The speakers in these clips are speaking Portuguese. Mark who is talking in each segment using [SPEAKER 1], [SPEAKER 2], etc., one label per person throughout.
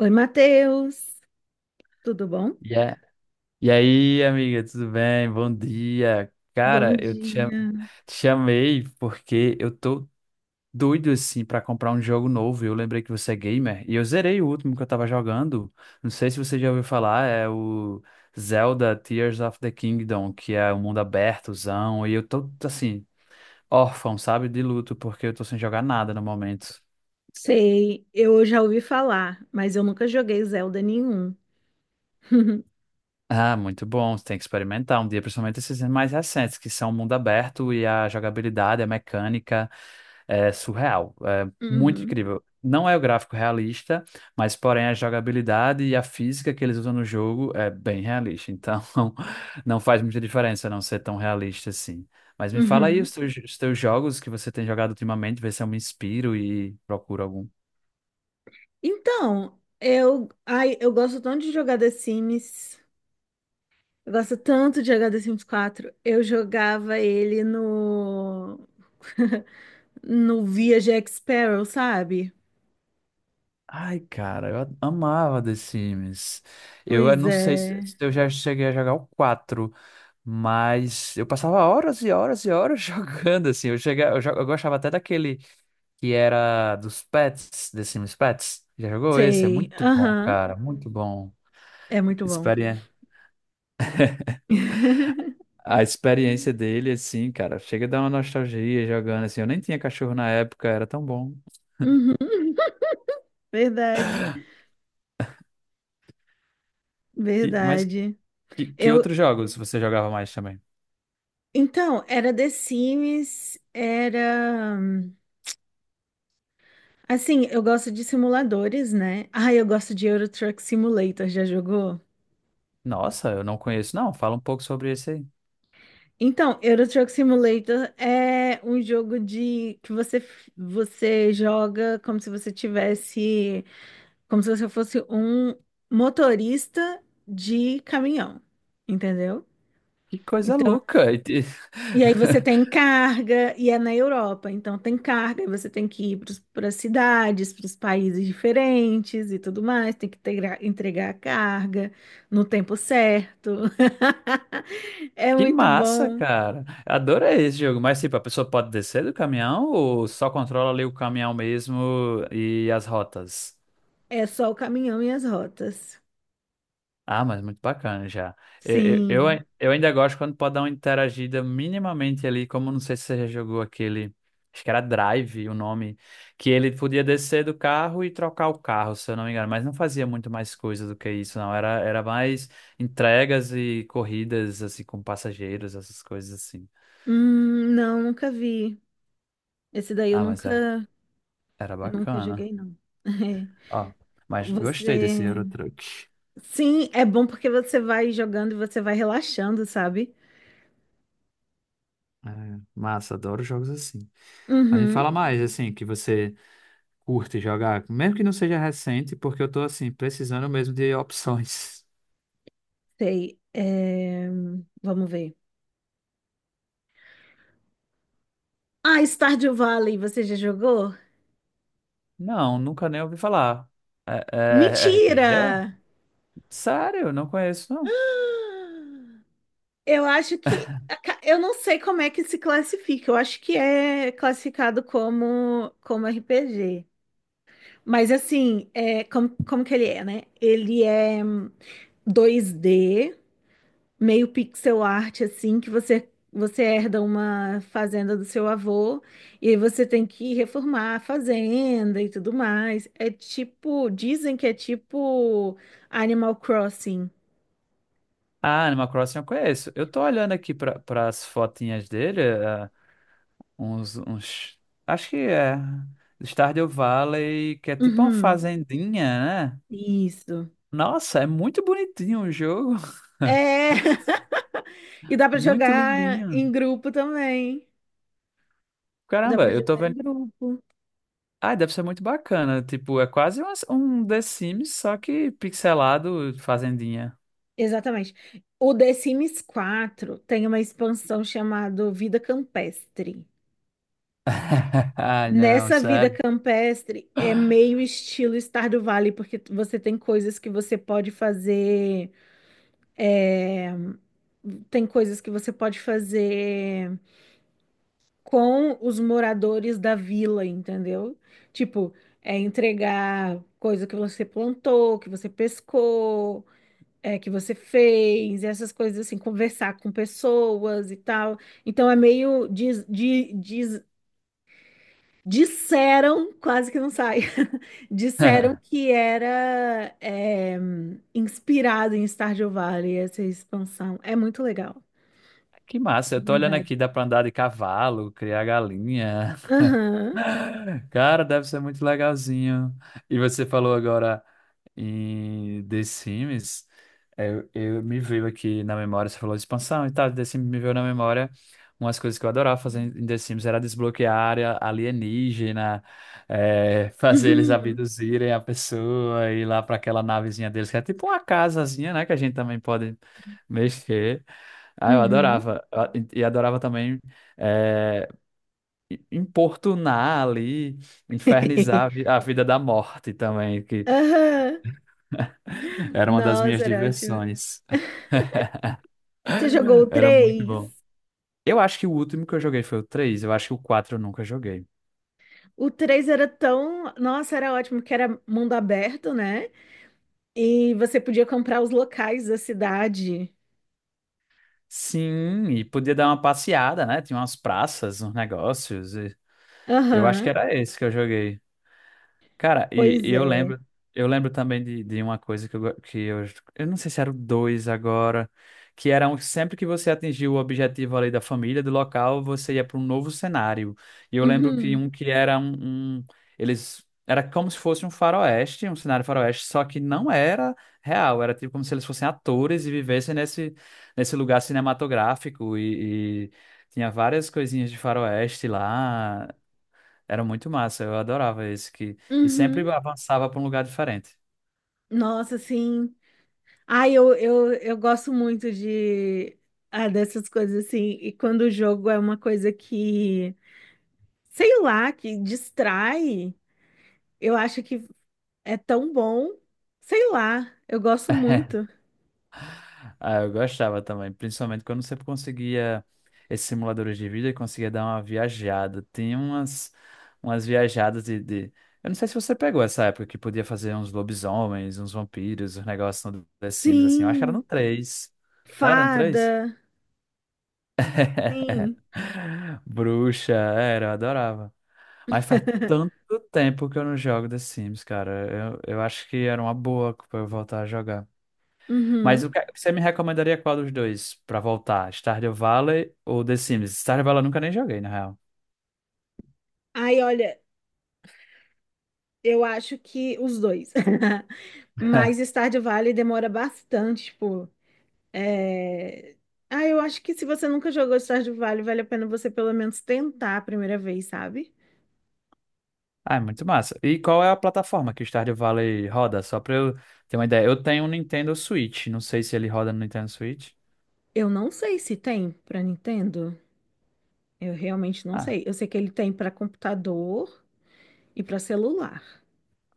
[SPEAKER 1] Oi, Matheus, tudo bom?
[SPEAKER 2] E, a- e aí, amiga, tudo bem? Bom dia.
[SPEAKER 1] Bom
[SPEAKER 2] Cara,
[SPEAKER 1] dia.
[SPEAKER 2] te chamei porque eu tô doido assim pra comprar um jogo novo. Eu lembrei que você é gamer e eu zerei o último que eu tava jogando. Não sei se você já ouviu falar, é o Zelda Tears of the Kingdom, que é um mundo abertozão. E eu tô assim, órfão, sabe, de luto, porque eu tô sem jogar nada no momento.
[SPEAKER 1] Sei, eu já ouvi falar, mas eu nunca joguei Zelda nenhum.
[SPEAKER 2] Ah, muito bom. Você tem que experimentar um dia, principalmente esses mais recentes, que são mundo aberto e a jogabilidade, a mecânica é surreal. É muito
[SPEAKER 1] Uhum,
[SPEAKER 2] incrível. Não é o gráfico realista, mas porém a jogabilidade e a física que eles usam no jogo é bem realista. Então não faz muita diferença não ser tão realista assim. Mas me fala aí
[SPEAKER 1] uhum.
[SPEAKER 2] os teus jogos que você tem jogado ultimamente, vê se eu me inspiro e procuro algum.
[SPEAKER 1] Então, eu gosto tanto de jogar The Sims. Eu gosto tanto de jogar The Sims 4. Eu jogava ele no no Via Jack Sparrow, sabe?
[SPEAKER 2] Ai, cara, amava The Sims. Eu,
[SPEAKER 1] Pois
[SPEAKER 2] não sei
[SPEAKER 1] é.
[SPEAKER 2] se eu já cheguei a jogar o quatro, mas eu passava horas e horas e horas jogando, assim. Eu, cheguei, eu, jo- eu gostava até daquele que era dos pets, The Sims Pets. Já jogou esse? É
[SPEAKER 1] Sei.
[SPEAKER 2] muito bom,
[SPEAKER 1] Aham.
[SPEAKER 2] cara, muito bom.
[SPEAKER 1] É muito bom.
[SPEAKER 2] Experiência. A experiência dele, assim, cara, chega a dar uma nostalgia jogando, assim. Eu nem tinha cachorro na época, era tão bom.
[SPEAKER 1] Uhum, verdade,
[SPEAKER 2] Que, mas
[SPEAKER 1] verdade.
[SPEAKER 2] que
[SPEAKER 1] Eu,
[SPEAKER 2] outros jogos você jogava mais também?
[SPEAKER 1] Então, era The Sims, era. Assim, eu gosto de simuladores, né? Ah, eu gosto de Euro Truck Simulator, já jogou?
[SPEAKER 2] Nossa, eu não conheço, não. Fala um pouco sobre esse aí.
[SPEAKER 1] Então, Euro Truck Simulator é um jogo de que você joga como se você tivesse, como se você fosse um motorista de caminhão, entendeu?
[SPEAKER 2] Que coisa
[SPEAKER 1] Então,
[SPEAKER 2] louca! E te-
[SPEAKER 1] e aí você tem carga, e é na Europa, então tem carga, e você tem que ir para as cidades, para os países diferentes e tudo mais, tem que entregar a carga no tempo certo. É
[SPEAKER 2] Que
[SPEAKER 1] muito
[SPEAKER 2] massa,
[SPEAKER 1] bom.
[SPEAKER 2] cara! Adorei esse jogo. Mas, tipo, a pessoa pode descer do caminhão ou só controla ali o caminhão mesmo e as rotas?
[SPEAKER 1] É só o caminhão e as rotas.
[SPEAKER 2] Ah, mas muito bacana já. Eu, eu,
[SPEAKER 1] Sim.
[SPEAKER 2] eu eu ainda gosto quando pode dar uma interagida minimamente ali, como não sei se você já jogou aquele, acho que era Drive o nome, que ele podia descer do carro e trocar o carro, se eu não me engano, mas não fazia muito mais coisa do que isso, não. Era mais entregas e corridas, assim, com passageiros, essas coisas assim.
[SPEAKER 1] Não, nunca vi. Esse daí eu
[SPEAKER 2] Ah, mas era,
[SPEAKER 1] nunca,
[SPEAKER 2] era
[SPEAKER 1] nunca
[SPEAKER 2] bacana.
[SPEAKER 1] joguei, não.
[SPEAKER 2] Ó, mas gostei desse
[SPEAKER 1] Você.
[SPEAKER 2] Euro Truck.
[SPEAKER 1] Sim, é bom porque você vai jogando e você vai relaxando, sabe?
[SPEAKER 2] É, massa, adoro jogos assim. Mas me
[SPEAKER 1] Uhum.
[SPEAKER 2] fala mais, assim, que você. Curte jogar, mesmo que não seja recente, porque eu tô assim, precisando mesmo de opções.
[SPEAKER 1] Sei. É, vamos ver. Ah, Stardew Valley, você já jogou?
[SPEAKER 2] Não, nunca nem ouvi falar. É, é RPG?
[SPEAKER 1] Mentira!
[SPEAKER 2] Sério, eu não conheço, não.
[SPEAKER 1] Eu acho que. Eu não sei como é que se classifica. Eu acho que é classificado como RPG. Mas assim, é, como que ele é, né? Ele é 2D, meio pixel art assim que você herda uma fazenda do seu avô e aí você tem que reformar a fazenda e tudo mais. É tipo, dizem que é tipo Animal Crossing.
[SPEAKER 2] Ah, Animal Crossing eu conheço. Eu tô olhando aqui para as fotinhas dele, é, uns. Acho que é. Stardew Valley, que é tipo uma
[SPEAKER 1] Uhum,
[SPEAKER 2] fazendinha, né?
[SPEAKER 1] isso.
[SPEAKER 2] Nossa, é muito bonitinho o jogo.
[SPEAKER 1] É. E dá pra
[SPEAKER 2] Muito
[SPEAKER 1] jogar
[SPEAKER 2] lindinho.
[SPEAKER 1] em grupo também. Dá pra
[SPEAKER 2] Caramba, eu tô
[SPEAKER 1] jogar em
[SPEAKER 2] vendo.
[SPEAKER 1] grupo.
[SPEAKER 2] Ah, deve ser muito bacana. Tipo, é quase umas- um The Sims, só que pixelado fazendinha.
[SPEAKER 1] Exatamente. O The Sims 4 tem uma expansão chamada Vida Campestre.
[SPEAKER 2] Ah, não,
[SPEAKER 1] Nessa vida
[SPEAKER 2] sério.
[SPEAKER 1] campestre é meio estilo Stardew Valley, porque você tem coisas que você pode fazer, tem coisas que você pode fazer com os moradores da vila, entendeu? Tipo, é entregar coisa que você plantou, que você pescou, é, que você fez, essas coisas assim, conversar com pessoas e tal. Então é meio disseram, quase que não sai, disseram que era inspirado em Stardew Valley, essa expansão. É muito legal,
[SPEAKER 2] Que massa,
[SPEAKER 1] de
[SPEAKER 2] eu tô olhando
[SPEAKER 1] verdade.
[SPEAKER 2] aqui, dá pra andar de cavalo, criar galinha.
[SPEAKER 1] Aham,
[SPEAKER 2] Cara, deve ser muito legalzinho. E você falou agora em The Sims. É, eu me veio aqui na memória, você falou de expansão e tal, The Sims me veio na memória umas coisas que eu adorava fazer em The Sims era desbloquear a área alienígena, fazer eles
[SPEAKER 1] uhum,
[SPEAKER 2] abduzirem a pessoa, ir lá para aquela navezinha deles, que é tipo uma casazinha, né? Que a gente também pode mexer. Ah, eu
[SPEAKER 1] uhum.
[SPEAKER 2] adorava. Ah, e adorava também. é, importunar ali, infernizar a vida da morte também, que
[SPEAKER 1] Aham.
[SPEAKER 2] era uma das minhas
[SPEAKER 1] Nossa, era ótimo.
[SPEAKER 2] diversões.
[SPEAKER 1] Você jogou o
[SPEAKER 2] Era muito bom.
[SPEAKER 1] três?
[SPEAKER 2] Eu acho que o último que eu joguei foi o três, eu acho que o 4 eu nunca joguei.
[SPEAKER 1] O três era tão. Nossa, era ótimo, porque era mundo aberto, né? E você podia comprar os locais da cidade.
[SPEAKER 2] Sim, e podia dar uma passeada, né? Tinha umas praças, uns negócios. E eu acho que
[SPEAKER 1] Aham,
[SPEAKER 2] era esse que eu joguei. Cara,
[SPEAKER 1] pois é.
[SPEAKER 2] eu lembro também de uma coisa que eu, go- que eu não sei se era o dois agora, que era um, sempre que você atingiu o objetivo ali da família, do local, você ia para um novo cenário. E eu lembro que
[SPEAKER 1] Uhum.
[SPEAKER 2] um que era eles era como se fosse um faroeste, um cenário faroeste, só que não era real, era tipo como se eles fossem atores e vivessem nesse lugar cinematográfico e tinha várias coisinhas de faroeste lá. Era muito massa, eu adorava esse que e sempre
[SPEAKER 1] Uhum.
[SPEAKER 2] avançava para um lugar diferente.
[SPEAKER 1] Nossa, sim. Ai, eu gosto muito de dessas coisas assim. E quando o jogo é uma coisa que, sei lá, que distrai, eu acho que é tão bom. Sei lá, eu gosto muito.
[SPEAKER 2] Ah, eu gostava também, principalmente quando você conseguia esses simuladores de vida e conseguia dar uma viajada. Tinha umas umas viajadas. Eu não sei se você pegou essa época que podia fazer uns lobisomens, uns vampiros, uns negócios no The Sims assim. Eu acho que era no
[SPEAKER 1] Sim,
[SPEAKER 2] 3. Não era no
[SPEAKER 1] fada.
[SPEAKER 2] 3?
[SPEAKER 1] Sim.
[SPEAKER 2] Bruxa, era, eu adorava. Mas faz tanto tempo que eu não jogo The Sims, cara. Eu acho que era uma boa pra eu voltar a jogar. Mas o
[SPEAKER 1] Uhum.
[SPEAKER 2] que- é, você me recomendaria qual dos dois pra voltar? Stardew Valley ou The Sims? Stardew Valley eu nunca nem joguei, na real.
[SPEAKER 1] Ai, olha, eu acho que os dois. Mas Stardew Valley demora bastante, tipo. É. Ah, eu acho que se você nunca jogou Stardew Valley, vale a pena você pelo menos tentar a primeira vez, sabe?
[SPEAKER 2] Ah, é muito massa. E qual é a plataforma que o Stardew Valley roda? Só pra eu ter uma ideia. Eu tenho um Nintendo Switch. Não sei se ele roda no Nintendo Switch.
[SPEAKER 1] Eu não sei se tem pra Nintendo. Eu realmente não
[SPEAKER 2] Ah,
[SPEAKER 1] sei. Eu sei que ele tem pra computador e pra celular,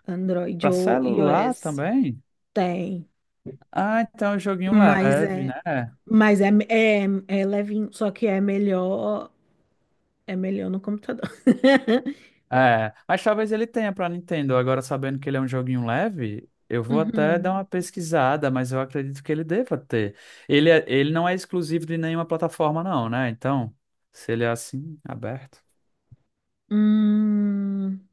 [SPEAKER 1] Android
[SPEAKER 2] pra
[SPEAKER 1] ou
[SPEAKER 2] celular
[SPEAKER 1] iOS.
[SPEAKER 2] também?
[SPEAKER 1] Tem,
[SPEAKER 2] Ah, então é um joguinho
[SPEAKER 1] mas
[SPEAKER 2] leve,
[SPEAKER 1] é,
[SPEAKER 2] né?
[SPEAKER 1] mas é levinho, só que é melhor no computador.
[SPEAKER 2] É, mas talvez ele tenha pra Nintendo. Agora, sabendo que ele é um joguinho leve, eu vou até dar
[SPEAKER 1] Uhum.
[SPEAKER 2] uma pesquisada, mas eu acredito que ele deva ter. Ele, é- ele não é exclusivo de nenhuma plataforma, não, né? Então, se ele é assim, aberto,
[SPEAKER 1] Hum,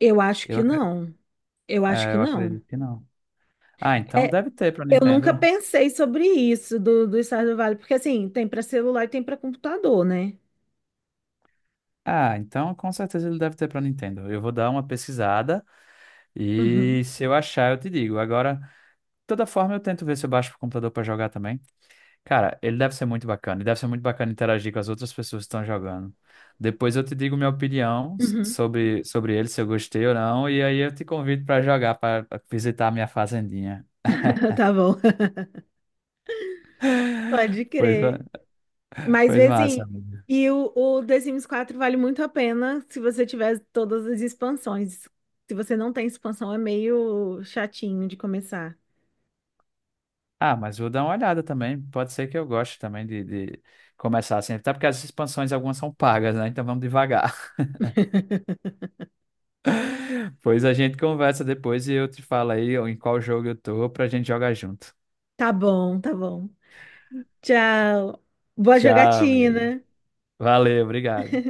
[SPEAKER 1] eu acho
[SPEAKER 2] eu,
[SPEAKER 1] que
[SPEAKER 2] acre-
[SPEAKER 1] não. Eu acho que
[SPEAKER 2] eu
[SPEAKER 1] não.
[SPEAKER 2] acredito que não. Ah, então
[SPEAKER 1] É,
[SPEAKER 2] deve ter pra
[SPEAKER 1] eu nunca
[SPEAKER 2] Nintendo.
[SPEAKER 1] pensei sobre isso do Stardew Valley, porque assim, tem para celular e tem para computador, né?
[SPEAKER 2] Ah, então com certeza ele deve ter pra Nintendo. Eu vou dar uma pesquisada
[SPEAKER 1] Uhum,
[SPEAKER 2] e se eu achar, eu te digo. Agora, de toda forma, eu tento ver se eu baixo pro computador pra jogar também. Cara, ele deve ser muito bacana. E deve ser muito bacana interagir com as outras pessoas que estão jogando. Depois eu te digo minha
[SPEAKER 1] uhum.
[SPEAKER 2] sobre, sobre ele, se eu gostei ou não. E aí eu te convido para jogar, para visitar a minha fazendinha.
[SPEAKER 1] Tá bom. Pode
[SPEAKER 2] Pois, ma-
[SPEAKER 1] crer. Mas,
[SPEAKER 2] pois massa,
[SPEAKER 1] assim,
[SPEAKER 2] amigo.
[SPEAKER 1] e o The Sims 4 vale muito a pena se você tiver todas as expansões. Se você não tem expansão, é meio chatinho de começar.
[SPEAKER 2] Ah, mas vou dar uma olhada também. Pode ser que eu goste também de começar assim. Até porque as expansões algumas são pagas, né? Então vamos devagar. Pois a gente conversa depois e eu te falo aí em qual jogo eu tô pra gente jogar junto.
[SPEAKER 1] Tá bom, tá bom. Tchau. Boa
[SPEAKER 2] Tchau, amigo.
[SPEAKER 1] jogatina.
[SPEAKER 2] Valeu, obrigado.